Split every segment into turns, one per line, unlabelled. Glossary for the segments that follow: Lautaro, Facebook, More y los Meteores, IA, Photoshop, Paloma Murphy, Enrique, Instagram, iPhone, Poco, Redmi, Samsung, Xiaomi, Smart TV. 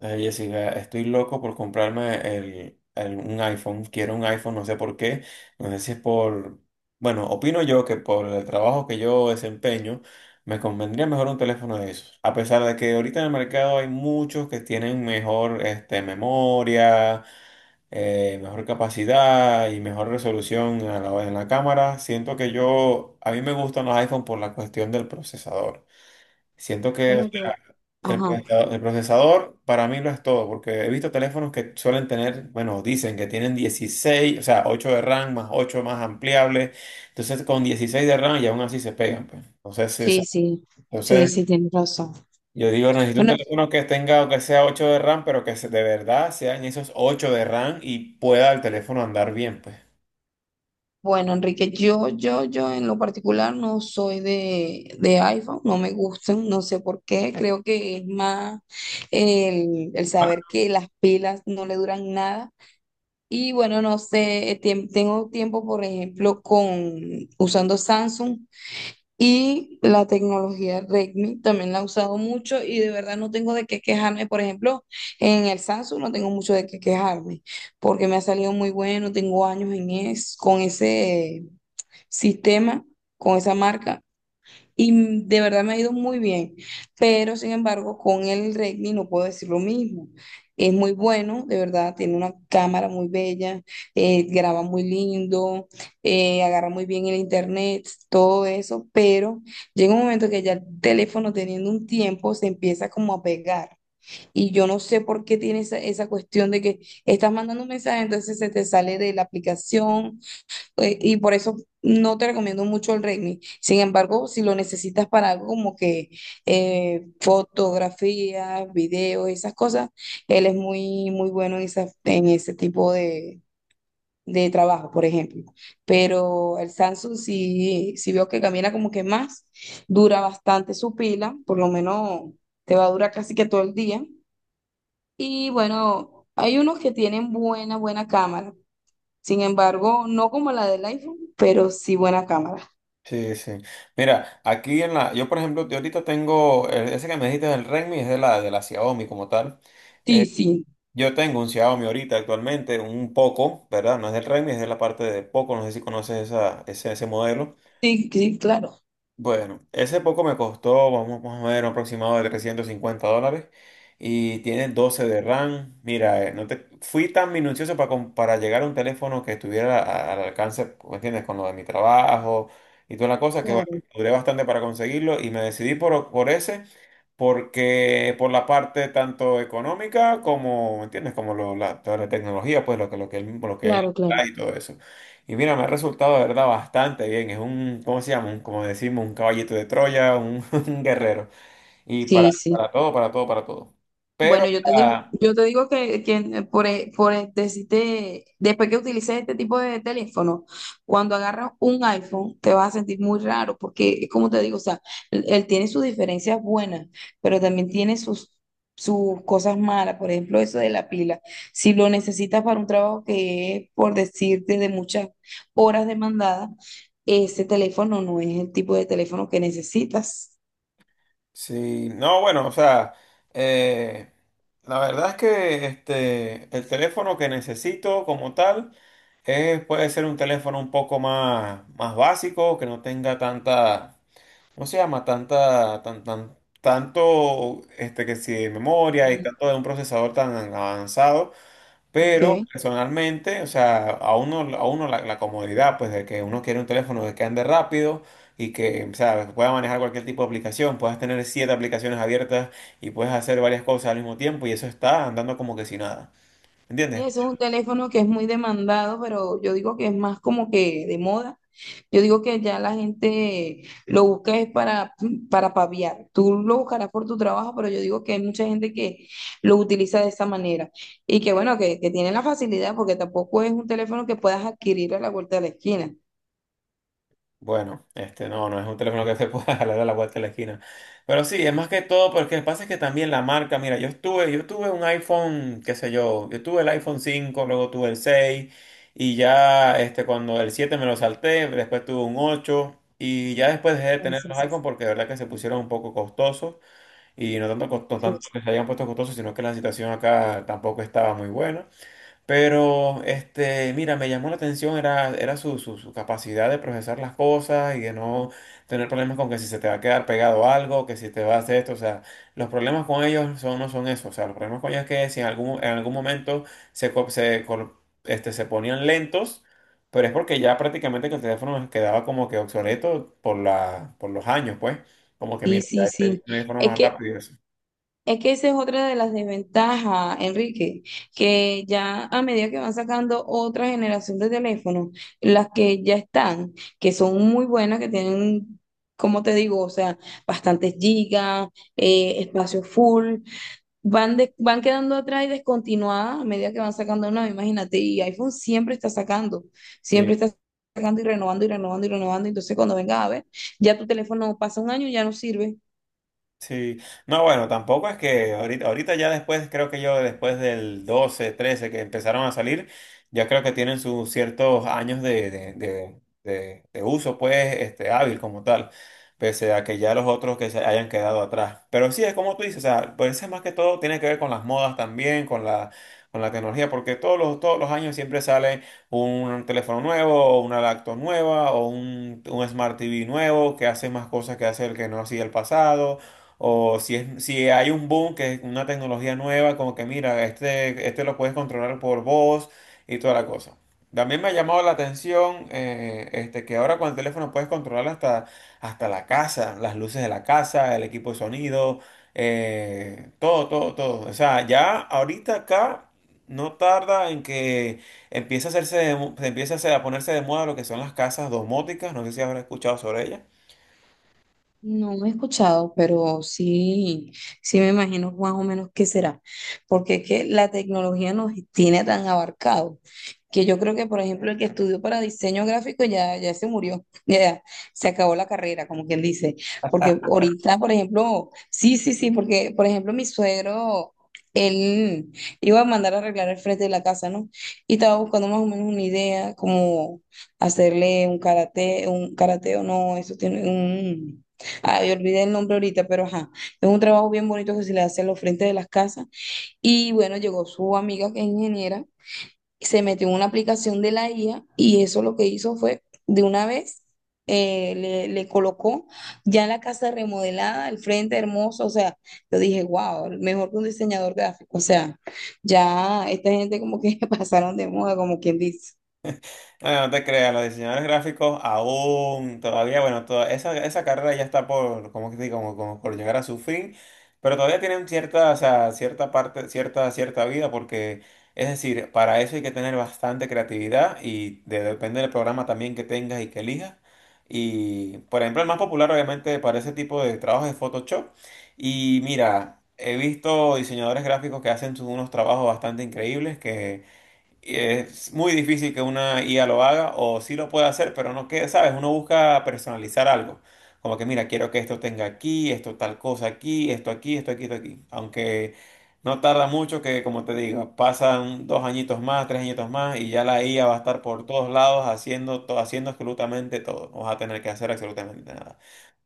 Ay, Jessica, estoy loco por comprarme un iPhone. Quiero un iPhone, no sé por qué. No sé si es por... Bueno, opino yo que por el trabajo que yo desempeño, me convendría mejor un teléfono de esos. A pesar de que ahorita en el mercado hay muchos que tienen mejor memoria, mejor capacidad y mejor resolución en la cámara, siento que yo... A mí me gustan los iPhone por la cuestión del procesador. Siento
Bueno,
que
yo,
el
ajá,
procesador, el procesador para mí lo es todo, porque he visto teléfonos que suelen tener, bueno, dicen que tienen 16 o sea, 8 de RAM más 8 más ampliables, entonces con 16 de RAM y aún así se pegan, pues. Entonces, es-
sí, sí, sí,
entonces
sí, tienes razón.
yo digo, necesito un
Bueno,
teléfono que tenga, que sea 8 de RAM, pero de verdad sean esos 8 de RAM y pueda el teléfono andar bien, pues.
bueno, Enrique, yo en lo particular no soy de iPhone, no me gustan, no sé por qué, creo que es más el saber que las pilas no le duran nada. Y bueno, no sé, tengo tiempo, por ejemplo, con usando Samsung. Y la tecnología Redmi también la he usado mucho y de verdad no tengo de qué quejarme. Por ejemplo, en el Samsung no tengo mucho de qué quejarme porque me ha salido muy bueno, tengo años en es, con ese sistema, con esa marca. Y de verdad me ha ido muy bien, pero sin embargo con el Redmi no puedo decir lo mismo. Es muy bueno, de verdad, tiene una cámara muy bella, graba muy lindo, agarra muy bien el internet, todo eso, pero llega un momento que ya el teléfono teniendo un tiempo se empieza como a pegar. Y yo no sé por qué tiene esa cuestión de que estás mandando un mensaje, entonces se te sale de la aplicación, y por eso no te recomiendo mucho el Redmi. Sin embargo, si lo necesitas para algo como que fotografías, videos, esas cosas, él es muy, muy bueno en, en ese tipo de trabajo, por ejemplo. Pero el Samsung sí, sí veo que camina como que más, dura bastante su pila, por lo menos te va a durar casi que todo el día. Y bueno, hay unos que tienen buena, buena cámara. Sin embargo, no como la del iPhone, pero sí buena cámara.
Sí, sí. Mira, aquí en la, yo por ejemplo, yo ahorita tengo, ese que me dijiste del Redmi es de la Xiaomi como tal. Eh,
Sí, sí,
Yo tengo un Xiaomi ahorita actualmente, un Poco, ¿verdad? No es del Redmi, es de la parte de Poco, no sé si conoces esa, ese modelo.
sí, sí, claro,
Bueno, ese poco me costó, vamos a ver, un aproximado de $350 y tiene 12 de RAM. Mira, no te, fui tan minucioso para, para llegar a un teléfono que estuviera al alcance, ¿me entiendes? Con lo de mi trabajo y toda la cosa, que bueno,
claro,
duré bastante para conseguirlo y me decidí por ese, porque por la parte tanto económica como, ¿me entiendes? Como toda la tecnología, pues lo que él
claro, claro.
trae y todo eso. Y mira, me ha resultado de verdad bastante bien. Es un, ¿cómo se llama? Un, como decimos, un caballito de Troya, un, un guerrero. Y para,
Sí, sí.
para todo, para todo, para todo. Pero, o
Bueno,
sea,
yo te digo que por, por decirte, después que utilices este tipo de teléfono, cuando agarras un iPhone, te vas a sentir muy raro, porque es como te digo, o sea, él tiene sus diferencias buenas, pero también tiene sus, sus cosas malas, por ejemplo, eso de la pila. Si lo necesitas para un trabajo que es, por decirte, de muchas horas demandadas, ese teléfono no es el tipo de teléfono que necesitas.
sí, no, bueno, o sea, eh, la verdad es que el teléfono que necesito como tal es, puede ser un teléfono un poco más básico, que no tenga tanta, ¿cómo se llama? Tanta, tanto, que si de memoria y
Em,
tanto de un procesador tan avanzado. Pero
Ok.
personalmente, o sea, a uno la comodidad, pues de que uno quiere un teléfono de que ande rápido y que, o sea, pueda manejar cualquier tipo de aplicación, puedas tener siete aplicaciones abiertas y puedes hacer varias cosas al mismo tiempo y eso está andando como que sin nada.
Sí,
¿Entiendes?
ese es un teléfono que es muy demandado, pero yo digo que es más como que de moda. Yo digo que ya la gente lo busca es para paviar. Tú lo buscarás por tu trabajo, pero yo digo que hay mucha gente que lo utiliza de esa manera. Y que bueno, que tiene la facilidad, porque tampoco es un teléfono que puedas adquirir a la vuelta de la esquina.
Bueno, este no es un teléfono que se pueda jalar a la vuelta de la esquina. Pero sí, es más que todo porque lo que pasa es que también la marca, mira, yo tuve un iPhone, qué sé yo, yo tuve el iPhone 5, luego tuve el 6 y ya cuando el 7 me lo salté, después tuve un 8 y ya después dejé de tener
Eso
los iPhone porque de verdad que se pusieron un poco costosos y no tanto, no
sí,
tanto
sí.
que se hayan puesto costosos, sino que la situación acá tampoco estaba muy buena. Pero, mira, me llamó la atención, era su capacidad de procesar las cosas y de no tener problemas con que si se te va a quedar pegado algo, que si te va a hacer esto, o sea, los problemas con ellos son, no son eso, o sea, los problemas con ellos es que si en algún momento se, co- se, col- este, se ponían lentos, pero es porque ya prácticamente que el teléfono quedaba como que obsoleto por los años, pues, como que
Sí,
mira, ya
sí,
un
sí.
teléfono
Es
más
que
rápido y eso.
es que esa es otra de las desventajas, Enrique, que ya a medida que van sacando otra generación de teléfonos, las que ya están, que son muy buenas, que tienen, como te digo, o sea, bastantes gigas, espacio full, van, van quedando atrás y descontinuadas a medida que van sacando una, imagínate, y iPhone siempre está sacando y renovando y renovando y renovando, entonces cuando venga a ver, ya tu teléfono pasa un año y ya no sirve.
Sí, no, bueno, tampoco es que ahorita ya después, creo que yo después del 12 13 que empezaron a salir, ya creo que tienen sus ciertos años de uso, pues, hábil como tal, pese a que ya los otros que se hayan quedado atrás. Pero sí, es como tú dices, o sea, por eso es más que todo tiene que ver con las modas también, con la, tecnología, porque todos los años siempre sale un teléfono nuevo, o una laptop nueva, o un Smart TV nuevo que hace más cosas que hace el que no hacía el pasado o si hay un boom, que es una tecnología nueva, como que mira, este lo puedes controlar por voz y toda la cosa. También me ha llamado la atención que ahora con el teléfono puedes controlar hasta la casa, las luces de la casa, el equipo de sonido, todo, todo, todo. O sea, ya ahorita acá no tarda en que empieza a hacerse, de mo- empieza a hacer- a ponerse de moda lo que son las casas domóticas. No sé si habrás escuchado sobre ellas.
No he escuchado, pero sí, sí me imagino más o menos qué será, porque es que la tecnología nos tiene tan abarcado que yo creo que, por ejemplo, el que estudió para diseño gráfico ya, ya se murió, ya se acabó la carrera, como quien dice, porque ahorita, por ejemplo, sí, sí, sí, porque, por ejemplo, mi suegro, él iba a mandar a arreglar el frente de la casa, ¿no? Y estaba buscando más o menos una idea, como hacerle un karate o no, eso tiene un... Ay, olvidé el nombre ahorita, pero ajá, es un trabajo bien bonito que se le hace a los frentes de las casas. Y bueno, llegó su amiga que es ingeniera, se metió en una aplicación de la IA y eso lo que hizo fue, de una vez, le colocó ya la casa remodelada, el frente hermoso, o sea, yo dije, wow, mejor que un diseñador gráfico, o sea, ya esta gente como que pasaron de moda, como quien dice.
Bueno, no te creas, los diseñadores gráficos aún todavía, bueno, toda esa carrera ya está por, como que te digo, como por llegar a su fin, pero todavía tienen cierta, o sea, cierta parte, cierta vida, porque es decir, para eso hay que tener bastante creatividad y depende del programa también que tengas y que elijas. Y, por ejemplo, el más popular obviamente para ese tipo de trabajos es Photoshop. Y mira, he visto diseñadores gráficos que hacen unos trabajos bastante increíbles que... Y es muy difícil que una IA lo haga, o sí lo puede hacer, pero no que, ¿sabes? Uno busca personalizar algo. Como que, mira, quiero que esto tenga aquí, esto tal cosa aquí, esto aquí, esto aquí, esto aquí. Aunque no tarda mucho que, como te digo, pasan 2 añitos más, 3 añitos más, y ya la IA va a estar por todos lados haciendo absolutamente todo. No vas a tener que hacer absolutamente nada.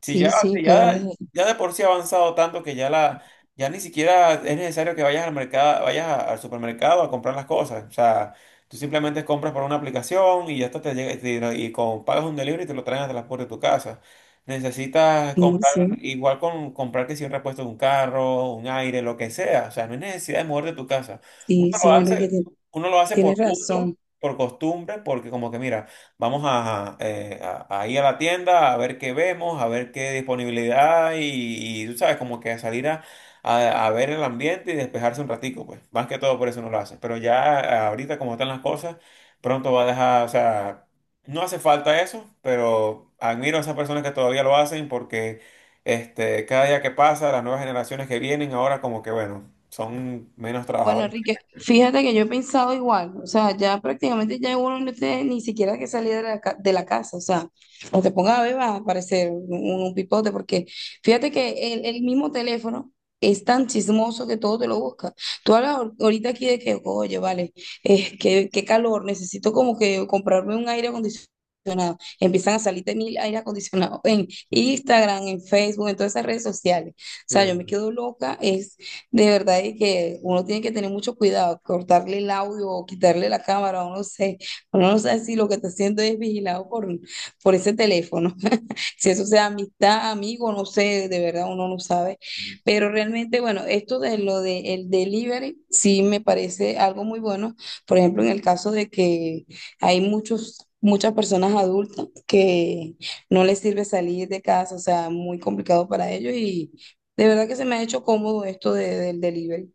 Si ya,
Sí, sí,
si ya,
pues,
ya de por sí ha avanzado tanto que ya ni siquiera es necesario que vayas al mercado, vayas al supermercado a comprar las cosas. O sea, tú simplemente compras por una aplicación y ya hasta te llega y pagas un delivery y te lo traen hasta la puerta de tu casa. Necesitas
sí,
comprar,
sí,
igual con comprar que si un repuesto de un carro, un aire, lo que sea. O sea, no hay necesidad de mover de tu casa. Uno
sí,
lo
sí, Enrique,
hace, uno lo hace
tienes
por gusto,
razón.
por costumbre, porque como que mira. Vamos a ir a la tienda a ver qué vemos, a ver qué disponibilidad y tú sabes, como que a salir a ver el ambiente y despejarse un ratico, pues. Más que todo por eso no lo hace. Pero ya ahorita como están las cosas, pronto va a dejar, o sea, no hace falta eso, pero admiro a esas personas que todavía lo hacen porque cada día que pasa, las nuevas generaciones que vienen ahora como que, bueno, son menos
Bueno,
trabajadores.
Enrique, fíjate que yo he pensado igual, o sea, ya prácticamente ya uno no tiene ni siquiera que salir de la, de la casa, o sea, o te pongas a beber va a aparecer un pipote, porque fíjate que el mismo teléfono es tan chismoso que todo te lo busca. Tú hablas ahorita aquí de que, oye, vale, qué, qué calor, necesito como que comprarme un aire acondicionado. Empiezan a salir de mil aire acondicionado en Instagram, en Facebook, en todas esas redes sociales. O sea, yo me
Sí.
quedo loca, de verdad, y que uno tiene que tener mucho cuidado, cortarle el audio o quitarle la cámara, uno no sé, uno no sabe si lo que está haciendo es vigilado por ese teléfono. Si eso sea amistad, amigo, no sé, de verdad uno no sabe. Pero realmente, bueno, esto de lo del delivery sí me parece algo muy bueno. Por ejemplo, en el caso de que hay muchos... Muchas personas adultas que no les sirve salir de casa, o sea, muy complicado para ellos y, de verdad que se me ha hecho cómodo esto del delivery.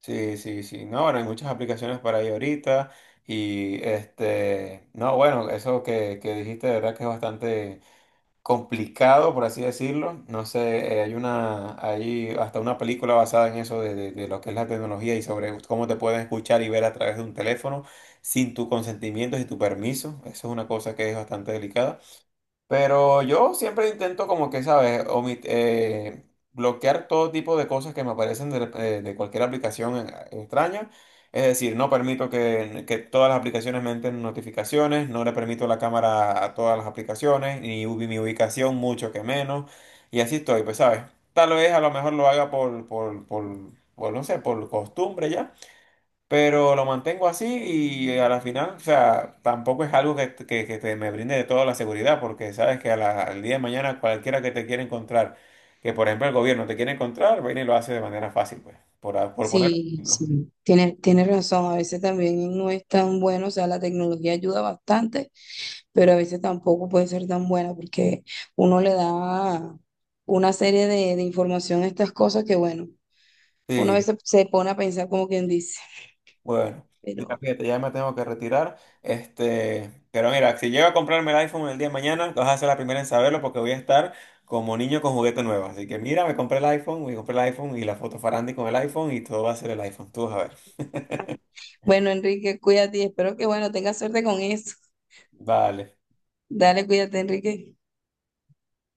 Sí, sí, sí. No, bueno, hay muchas aplicaciones para ahí ahorita. Y no, bueno, eso que dijiste, de verdad que es bastante complicado, por así decirlo. No sé, hay hasta una película basada en eso de lo que es la tecnología y sobre cómo te pueden escuchar y ver a través de un teléfono sin tu consentimiento y tu permiso. Eso es una cosa que es bastante delicada. Pero yo siempre intento como que, ¿sabes? Bloquear todo tipo de cosas que me aparecen de cualquier aplicación extraña. Es decir, no permito que todas las aplicaciones me entren notificaciones, no le permito la cámara a todas las aplicaciones, ni mi ubicación mucho que menos. Y así estoy, pues, ¿sabes? Tal vez a lo mejor lo haga por no sé, por costumbre ya. Pero lo mantengo así y a la final, o sea, tampoco es algo me brinde de toda la seguridad, porque sabes que al día de mañana cualquiera que te quiera encontrar, que por ejemplo el gobierno te quiere encontrar, viene y lo hace de manera fácil, pues, por poner un
Sí,
ejemplo.
sí, tiene tiene razón. A veces también no es tan bueno, o sea, la tecnología ayuda bastante, pero a veces tampoco puede ser tan buena porque uno le da una serie de información a estas cosas que, bueno, uno a
Sí,
veces se pone a pensar como quien dice.
bueno, mira,
Pero
fíjate, ya me tengo que retirar. Pero mira, si llego a comprarme el iPhone el día de mañana, vas a ser la primera en saberlo porque voy a estar como niño con juguete nuevo. Así que mira, me compré el iPhone, me compré el iPhone y la foto farandi con el iPhone y todo va a ser el iPhone. Tú vas a ver.
bueno, Enrique, cuídate y espero que, bueno, tengas suerte con eso.
Vale.
Dale, cuídate, Enrique.